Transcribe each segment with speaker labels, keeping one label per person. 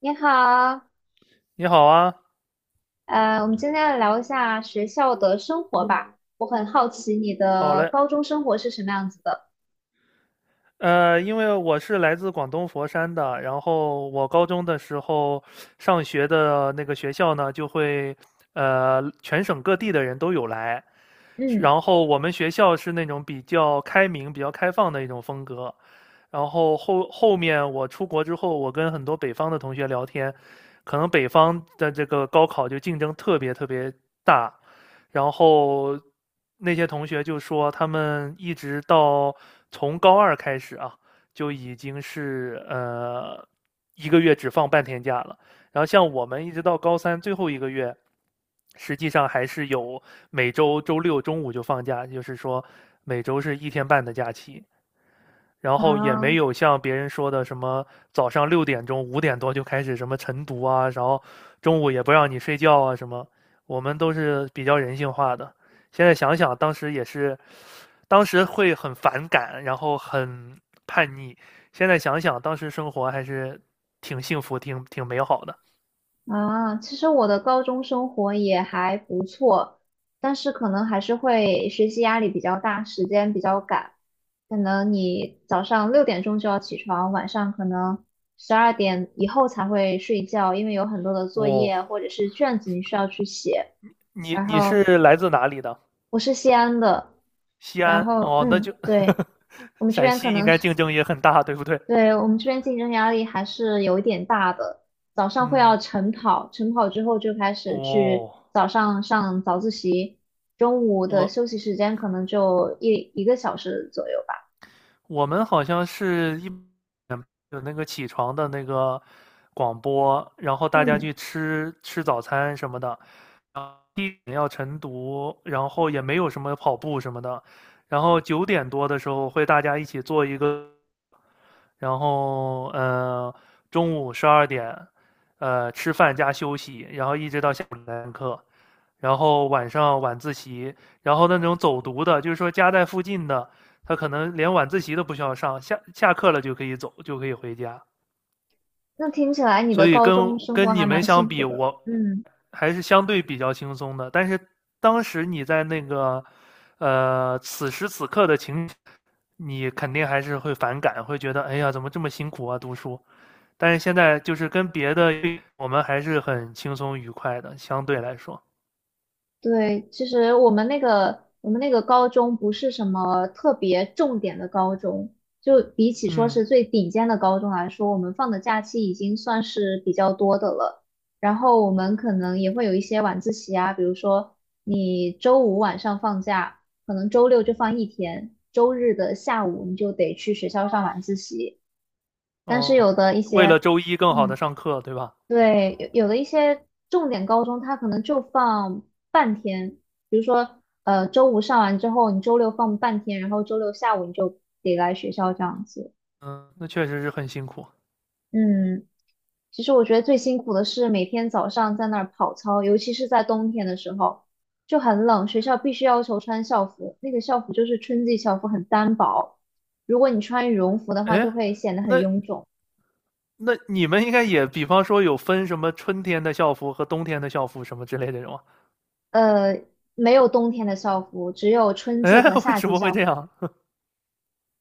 Speaker 1: 你好，
Speaker 2: 你好啊，
Speaker 1: 我们今天来聊一下学校的生活吧。我很好奇你
Speaker 2: 好
Speaker 1: 的
Speaker 2: 嘞。
Speaker 1: 高中生活是什么样子的。
Speaker 2: 因为我是来自广东佛山的，然后我高中的时候上学的那个学校呢，就会全省各地的人都有来，
Speaker 1: 嗯，
Speaker 2: 然后我们学校是那种比较开明、比较开放的一种风格。然后后面我出国之后，我跟很多北方的同学聊天，可能北方的这个高考就竞争特别特别大，然后那些同学就说，他们一直到从高二开始啊，就已经是一个月只放半天假了。然后像我们一直到高三最后一个月，实际上还是有每周周六中午就放假，就是说每周是一天半的假期。然后也
Speaker 1: 啊
Speaker 2: 没有像别人说的什么早上6点钟、5点多就开始什么晨读啊，然后中午也不让你睡觉啊什么。我们都是比较人性化的。现在想想，当时也是，当时会很反感，然后很叛逆。现在想想，当时生活还是挺幸福、挺美好的。
Speaker 1: 其实我的高中生活也还不错，但是可能还是会学习压力比较大，时间比较赶。可能你早上6点钟就要起床，晚上可能12点以后才会睡觉，因为有很多的作
Speaker 2: 哦，
Speaker 1: 业或者是卷子你需要去写。
Speaker 2: 你
Speaker 1: 然
Speaker 2: 你是
Speaker 1: 后
Speaker 2: 来自哪里的？
Speaker 1: 我是西安的，
Speaker 2: 西
Speaker 1: 然
Speaker 2: 安
Speaker 1: 后
Speaker 2: 哦，那
Speaker 1: 嗯，
Speaker 2: 就
Speaker 1: 对，我们这
Speaker 2: 陕
Speaker 1: 边可
Speaker 2: 西应
Speaker 1: 能
Speaker 2: 该
Speaker 1: 是，
Speaker 2: 竞争也很大，对不对？
Speaker 1: 对，我们这边竞争压力还是有一点大的。早上会要
Speaker 2: 嗯，
Speaker 1: 晨跑，晨跑之后就开始去
Speaker 2: 哦，
Speaker 1: 早上上早自习，中午的
Speaker 2: 我
Speaker 1: 休息时间可能就一个小时左右吧。
Speaker 2: 我们好像有那个起床的那个广播，然后大家
Speaker 1: 嗯，
Speaker 2: 去吃吃早餐什么的，一点要晨读，然后也没有什么跑步什么的，然后9点多的时候会大家一起做一个，然后中午12点，吃饭加休息，然后一直到下然后晚上晚自习，然后那种走读的，就是说家在附近的，他可能连晚自习都不需要上，下课了就可以走，就可以回家。
Speaker 1: 那听起来你
Speaker 2: 所
Speaker 1: 的
Speaker 2: 以
Speaker 1: 高
Speaker 2: 跟
Speaker 1: 中生活
Speaker 2: 跟你
Speaker 1: 还
Speaker 2: 们
Speaker 1: 蛮
Speaker 2: 相
Speaker 1: 幸福
Speaker 2: 比，
Speaker 1: 的。
Speaker 2: 我
Speaker 1: 嗯。
Speaker 2: 还是相对比较轻松的。但是当时你在那个，此时此刻的情，你肯定还是会反感，会觉得哎呀，怎么这么辛苦啊，读书。但是现在就是跟别的，我们还是很轻松愉快的，相对来说，
Speaker 1: 对，其实我们那个高中不是什么特别重点的高中，就比起说是
Speaker 2: 嗯。
Speaker 1: 最顶尖的高中来说，我们放的假期已经算是比较多的了。然后我们可能也会有一些晚自习啊，比如说你周五晚上放假，可能周六就放一天，周日的下午你就得去学校上晚自习。但是
Speaker 2: 哦，
Speaker 1: 有的一
Speaker 2: 为了
Speaker 1: 些，
Speaker 2: 周一更好
Speaker 1: 嗯。
Speaker 2: 的上课，对吧？
Speaker 1: 对，有的一些重点高中，它可能就放半天，比如说，周五上完之后，你周六放半天，然后周六下午你就得来学校这样子。
Speaker 2: 嗯，那确实是很辛苦。
Speaker 1: 嗯，其实我觉得最辛苦的是每天早上在那儿跑操，尤其是在冬天的时候，就很冷，学校必须要求穿校服，那个校服就是春季校服，很单薄，如果你穿羽绒服的话，
Speaker 2: 哎，
Speaker 1: 就会显得很
Speaker 2: 那
Speaker 1: 臃肿。
Speaker 2: 那你们应该也，比方说有分什么春天的校服和冬天的校服什么之类的这种啊？
Speaker 1: 呃，没有冬天的校服，只有春季
Speaker 2: 哎，
Speaker 1: 和
Speaker 2: 为
Speaker 1: 夏
Speaker 2: 什
Speaker 1: 季
Speaker 2: 么会
Speaker 1: 校
Speaker 2: 这
Speaker 1: 服。
Speaker 2: 样？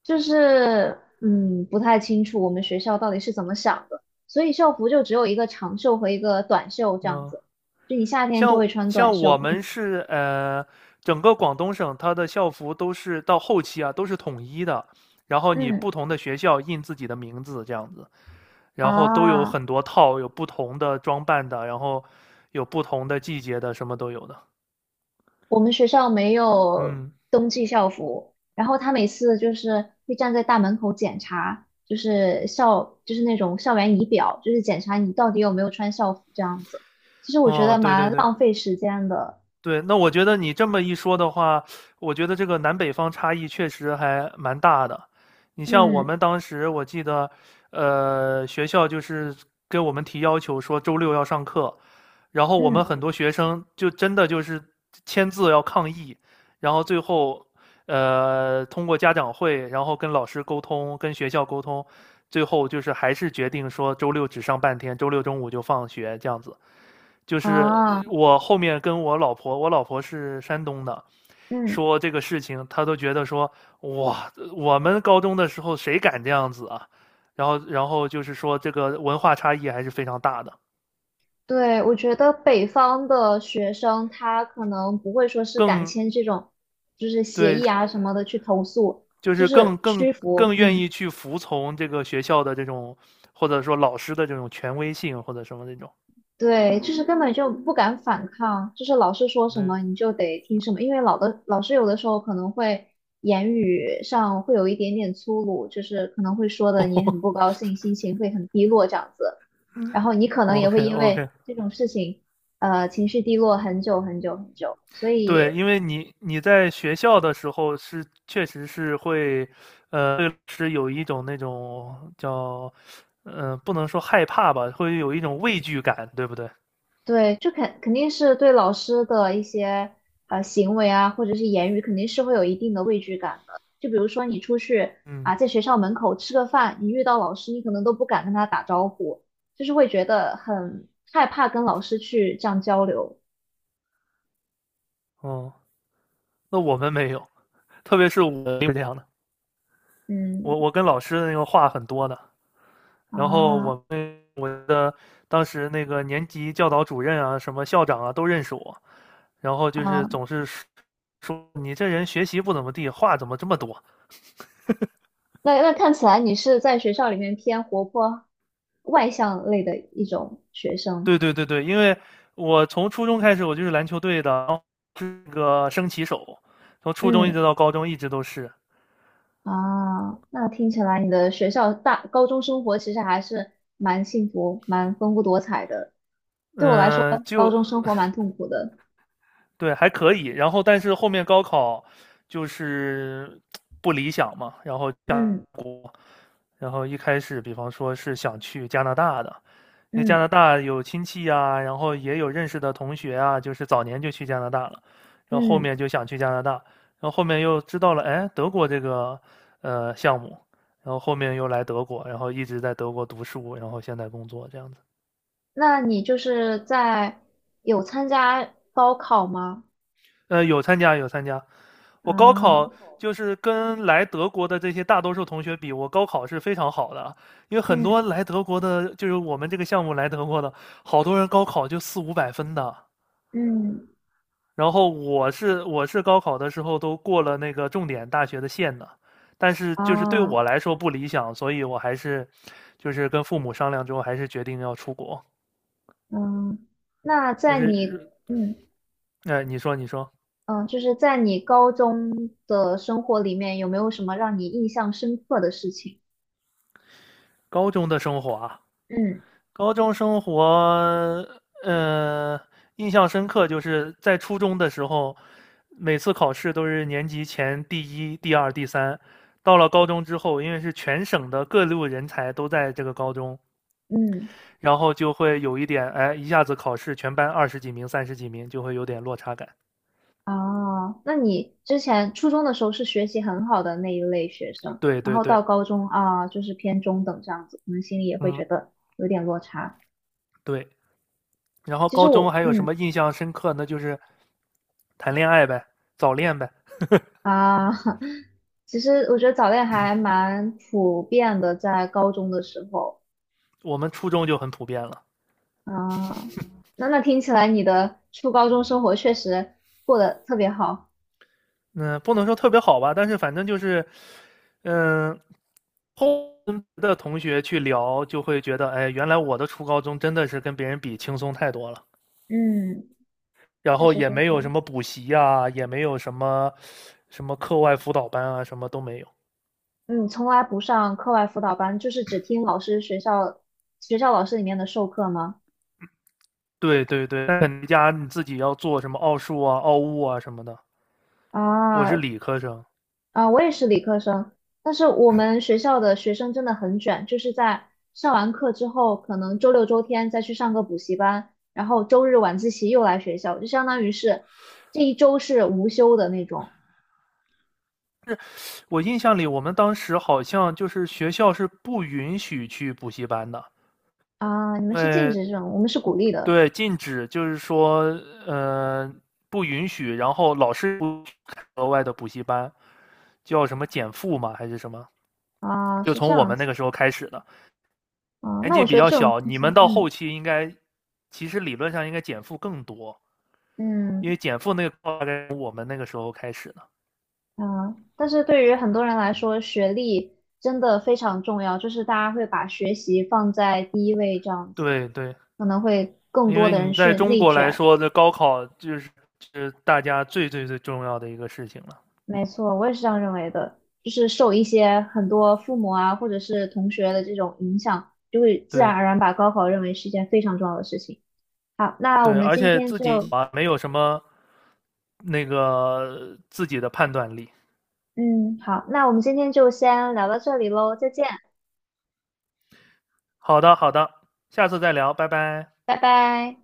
Speaker 1: 就是不太清楚我们学校到底是怎么想的，所以校服就只有一个长袖和一个短袖这样
Speaker 2: 嗯，
Speaker 1: 子，就你夏天就
Speaker 2: 像
Speaker 1: 会穿短
Speaker 2: 像
Speaker 1: 袖。
Speaker 2: 我们
Speaker 1: 嗯
Speaker 2: 是整个广东省它的校服都是到后期啊都是统一的，然后你
Speaker 1: 嗯
Speaker 2: 不同的学校印自己的名字这样子，然后都有
Speaker 1: 啊，
Speaker 2: 很多套，有不同的装扮的，然后有不同的季节的，什么都有的。
Speaker 1: 我们学校没有
Speaker 2: 嗯。
Speaker 1: 冬季校服，然后他每次就是会站在大门口检查，就是校就是那种校园仪表，就是检查你到底有没有穿校服这样子。其实我觉得
Speaker 2: 哦，对对
Speaker 1: 蛮
Speaker 2: 对
Speaker 1: 浪费时间的。
Speaker 2: 对，那我觉得你这么一说的话，我觉得这个南北方差异确实还蛮大的。你像我
Speaker 1: 嗯
Speaker 2: 们当时，我记得，学校就是给我们提要求说周六要上课，然后我们很
Speaker 1: 嗯
Speaker 2: 多学生就真的就是签字要抗议，然后最后，通过家长会，然后跟老师沟通，跟学校沟通，最后就是还是决定说周六只上半天，周六中午就放学这样子。就是
Speaker 1: 啊
Speaker 2: 我后面跟我老婆，我老婆是山东的，
Speaker 1: 嗯。
Speaker 2: 说这个事情，她都觉得说哇，我们高中的时候谁敢这样子啊？然后就是说这个文化差异还是非常大的，
Speaker 1: 对，我觉得北方的学生他可能不会说是敢
Speaker 2: 更
Speaker 1: 签这种，就是协
Speaker 2: 对，
Speaker 1: 议啊什么的去投诉，
Speaker 2: 就
Speaker 1: 就
Speaker 2: 是
Speaker 1: 是
Speaker 2: 更更
Speaker 1: 屈服，
Speaker 2: 更愿
Speaker 1: 嗯，
Speaker 2: 意去服从这个学校的这种，或者说老师的这种权威性或者什么那种。
Speaker 1: 对，就是根本就不敢反抗，就是老师说什么
Speaker 2: 对
Speaker 1: 你就得听什么，因为老的老师有的时候可能会言语上会有一点点粗鲁，就是可能会说的你很不 高兴，心情会很低落这样子，然后你可能也
Speaker 2: ，OK
Speaker 1: 会因为
Speaker 2: OK，
Speaker 1: 这种事情，情绪低落很久很久很久，所
Speaker 2: 对，
Speaker 1: 以。
Speaker 2: 因为你在学校的时候是确实是会，对老师有一种那种叫，不能说害怕吧，会有一种畏惧感，对不对？
Speaker 1: 对，就肯定是对老师的一些行为啊，或者是言语，肯定是会有一定的畏惧感的。就比如说你出去
Speaker 2: 嗯，
Speaker 1: 啊，在学校门口吃个饭，你遇到老师，你可能都不敢跟他打招呼，就是会觉得很害怕跟老师去这样交流。
Speaker 2: 哦，那我们没有，特别是我是这样的，
Speaker 1: 嗯
Speaker 2: 我跟老师的那个话很多的，然后
Speaker 1: 啊
Speaker 2: 我的当时那个年级教导主任啊，什么校长啊都认识我，然后就是
Speaker 1: 啊，
Speaker 2: 总是说你这人学习不怎么地，话怎么这么多？
Speaker 1: 那那看起来你是在学校里面偏活泼外向类的一种学生。
Speaker 2: 对对对对，因为我从初中开始我就是篮球队的，然后是个升旗手，从初中一直
Speaker 1: 嗯。
Speaker 2: 到高中一直都是，
Speaker 1: 啊，那听起来你的学校大高中生活其实还是蛮幸福、蛮丰富多彩的。对我来说，
Speaker 2: 嗯，
Speaker 1: 高
Speaker 2: 就
Speaker 1: 中生活蛮痛苦的。
Speaker 2: 对还可以。然后但是后面高考就是不理想嘛，然后
Speaker 1: 嗯
Speaker 2: 然后一开始，比方说是想去加拿大的，因为加
Speaker 1: 嗯
Speaker 2: 拿大有亲戚呀，然后也有认识的同学啊，就是早年就去加拿大了，然后后
Speaker 1: 嗯，
Speaker 2: 面就想去加拿大，然后后面又知道了，哎，德国这个项目，然后后面又来德国，然后一直在德国读书，然后现在工作这样子。
Speaker 1: 那你就是在有参加高考吗？
Speaker 2: 有参加有参加，我高
Speaker 1: 啊，
Speaker 2: 考就是跟来德国的这些大多数同学比，我高考是非常好的啊，因为很
Speaker 1: 嗯
Speaker 2: 多来德国的，就是我们这个项目来德国的，好多人高考就四五百分的。
Speaker 1: 嗯
Speaker 2: 然后我是高考的时候都过了那个重点大学的线的，但是就是对
Speaker 1: 啊
Speaker 2: 我来说不理想，所以我还是就是跟父母商量之后，还是决定要出国。
Speaker 1: 嗯，那
Speaker 2: 就
Speaker 1: 在你
Speaker 2: 是，
Speaker 1: 嗯
Speaker 2: 你说
Speaker 1: 嗯，就是在你高中的生活里面，有没有什么让你印象深刻的事情？
Speaker 2: 高中的生活啊。
Speaker 1: 嗯
Speaker 2: 高中生活，呃，印象深刻，就是在初中的时候，每次考试都是年级前第一、第二、第三。到了高中之后，因为是全省的各路人才都在这个高中，
Speaker 1: 嗯。
Speaker 2: 然后就会有一点，哎，一下子考试全班20几名、30几名，就会有点落差感。
Speaker 1: 哦，那你之前初中的时候是学习很好的那一类学生，
Speaker 2: 对
Speaker 1: 然
Speaker 2: 对
Speaker 1: 后
Speaker 2: 对，
Speaker 1: 到高中啊，就是偏中等这样子，可能心里也会
Speaker 2: 嗯，
Speaker 1: 觉得有点落差。
Speaker 2: 对。然后
Speaker 1: 其实
Speaker 2: 高中
Speaker 1: 我，
Speaker 2: 还有什
Speaker 1: 嗯
Speaker 2: 么印象深刻那就是谈恋爱呗，早恋呗。
Speaker 1: 啊，其实我觉得早恋还蛮普遍的，在高中的时候
Speaker 2: 我们初中就很普遍了。
Speaker 1: 啊，那听起来你的初高中生活确实过得特别好，
Speaker 2: 嗯，不能说特别好吧，但是反正就是，嗯，后跟别的同学去聊，就会觉得，哎，原来我的初高中真的是跟别人比轻松太多了，
Speaker 1: 嗯，
Speaker 2: 然
Speaker 1: 确
Speaker 2: 后
Speaker 1: 实是
Speaker 2: 也没
Speaker 1: 这
Speaker 2: 有什
Speaker 1: 样子。
Speaker 2: 么补习呀、也没有什么课外辅导班啊，什么都没有。
Speaker 1: 嗯，从来不上课外辅导班，就是只听老师学校老师里面的授课吗？
Speaker 2: 对对对，但肯尼加你自己要做什么奥数啊、奥物啊什么的。我是
Speaker 1: 啊
Speaker 2: 理科生，
Speaker 1: 啊，我也是理科生，但是我们学校的学生真的很卷，就是在上完课之后，可能周六周天再去上个补习班，然后周日晚自习又来学校，就相当于是这一周是无休的那种
Speaker 2: 我印象里我们当时好像就是学校是不允许去补习班的，
Speaker 1: 啊。你们
Speaker 2: 因
Speaker 1: 是禁
Speaker 2: 为
Speaker 1: 止这种，我们是鼓励的
Speaker 2: 对，禁止就是说，呃，不允许，然后老师不开额外的补习班，叫什么减负嘛，还是什么？
Speaker 1: 啊，
Speaker 2: 就
Speaker 1: 是这
Speaker 2: 从我
Speaker 1: 样
Speaker 2: 们那
Speaker 1: 子
Speaker 2: 个时候开始的，
Speaker 1: 啊。
Speaker 2: 年
Speaker 1: 那我
Speaker 2: 纪比
Speaker 1: 觉得
Speaker 2: 较
Speaker 1: 这种
Speaker 2: 小，
Speaker 1: 现
Speaker 2: 你
Speaker 1: 象，
Speaker 2: 们到后
Speaker 1: 嗯
Speaker 2: 期应该，其实理论上应该减负更多，因
Speaker 1: 嗯。
Speaker 2: 为减负那个大概从我们那个时候开始的。
Speaker 1: 嗯，但是对于很多人来说，学历真的非常重要，就是大家会把学习放在第一位，这样子
Speaker 2: 对对，
Speaker 1: 可能会更
Speaker 2: 因
Speaker 1: 多
Speaker 2: 为
Speaker 1: 的人
Speaker 2: 你在
Speaker 1: 去
Speaker 2: 中
Speaker 1: 内
Speaker 2: 国来
Speaker 1: 卷。
Speaker 2: 说，这高考就是是大家最最最重要的一个事情了。
Speaker 1: 没错，我也是这样认为的，就是受一些很多父母啊，或者是同学的这种影响，就会自然
Speaker 2: 对，
Speaker 1: 而然把高考认为是一件非常重要的事情。好，那我
Speaker 2: 对，
Speaker 1: 们
Speaker 2: 而
Speaker 1: 今
Speaker 2: 且
Speaker 1: 天
Speaker 2: 自己
Speaker 1: 就，
Speaker 2: 啊没有什么那个自己的判断力。
Speaker 1: 嗯，好，那我们今天就先聊到这里喽，再见，
Speaker 2: 好的，好的，下次再聊，拜拜。
Speaker 1: 拜拜。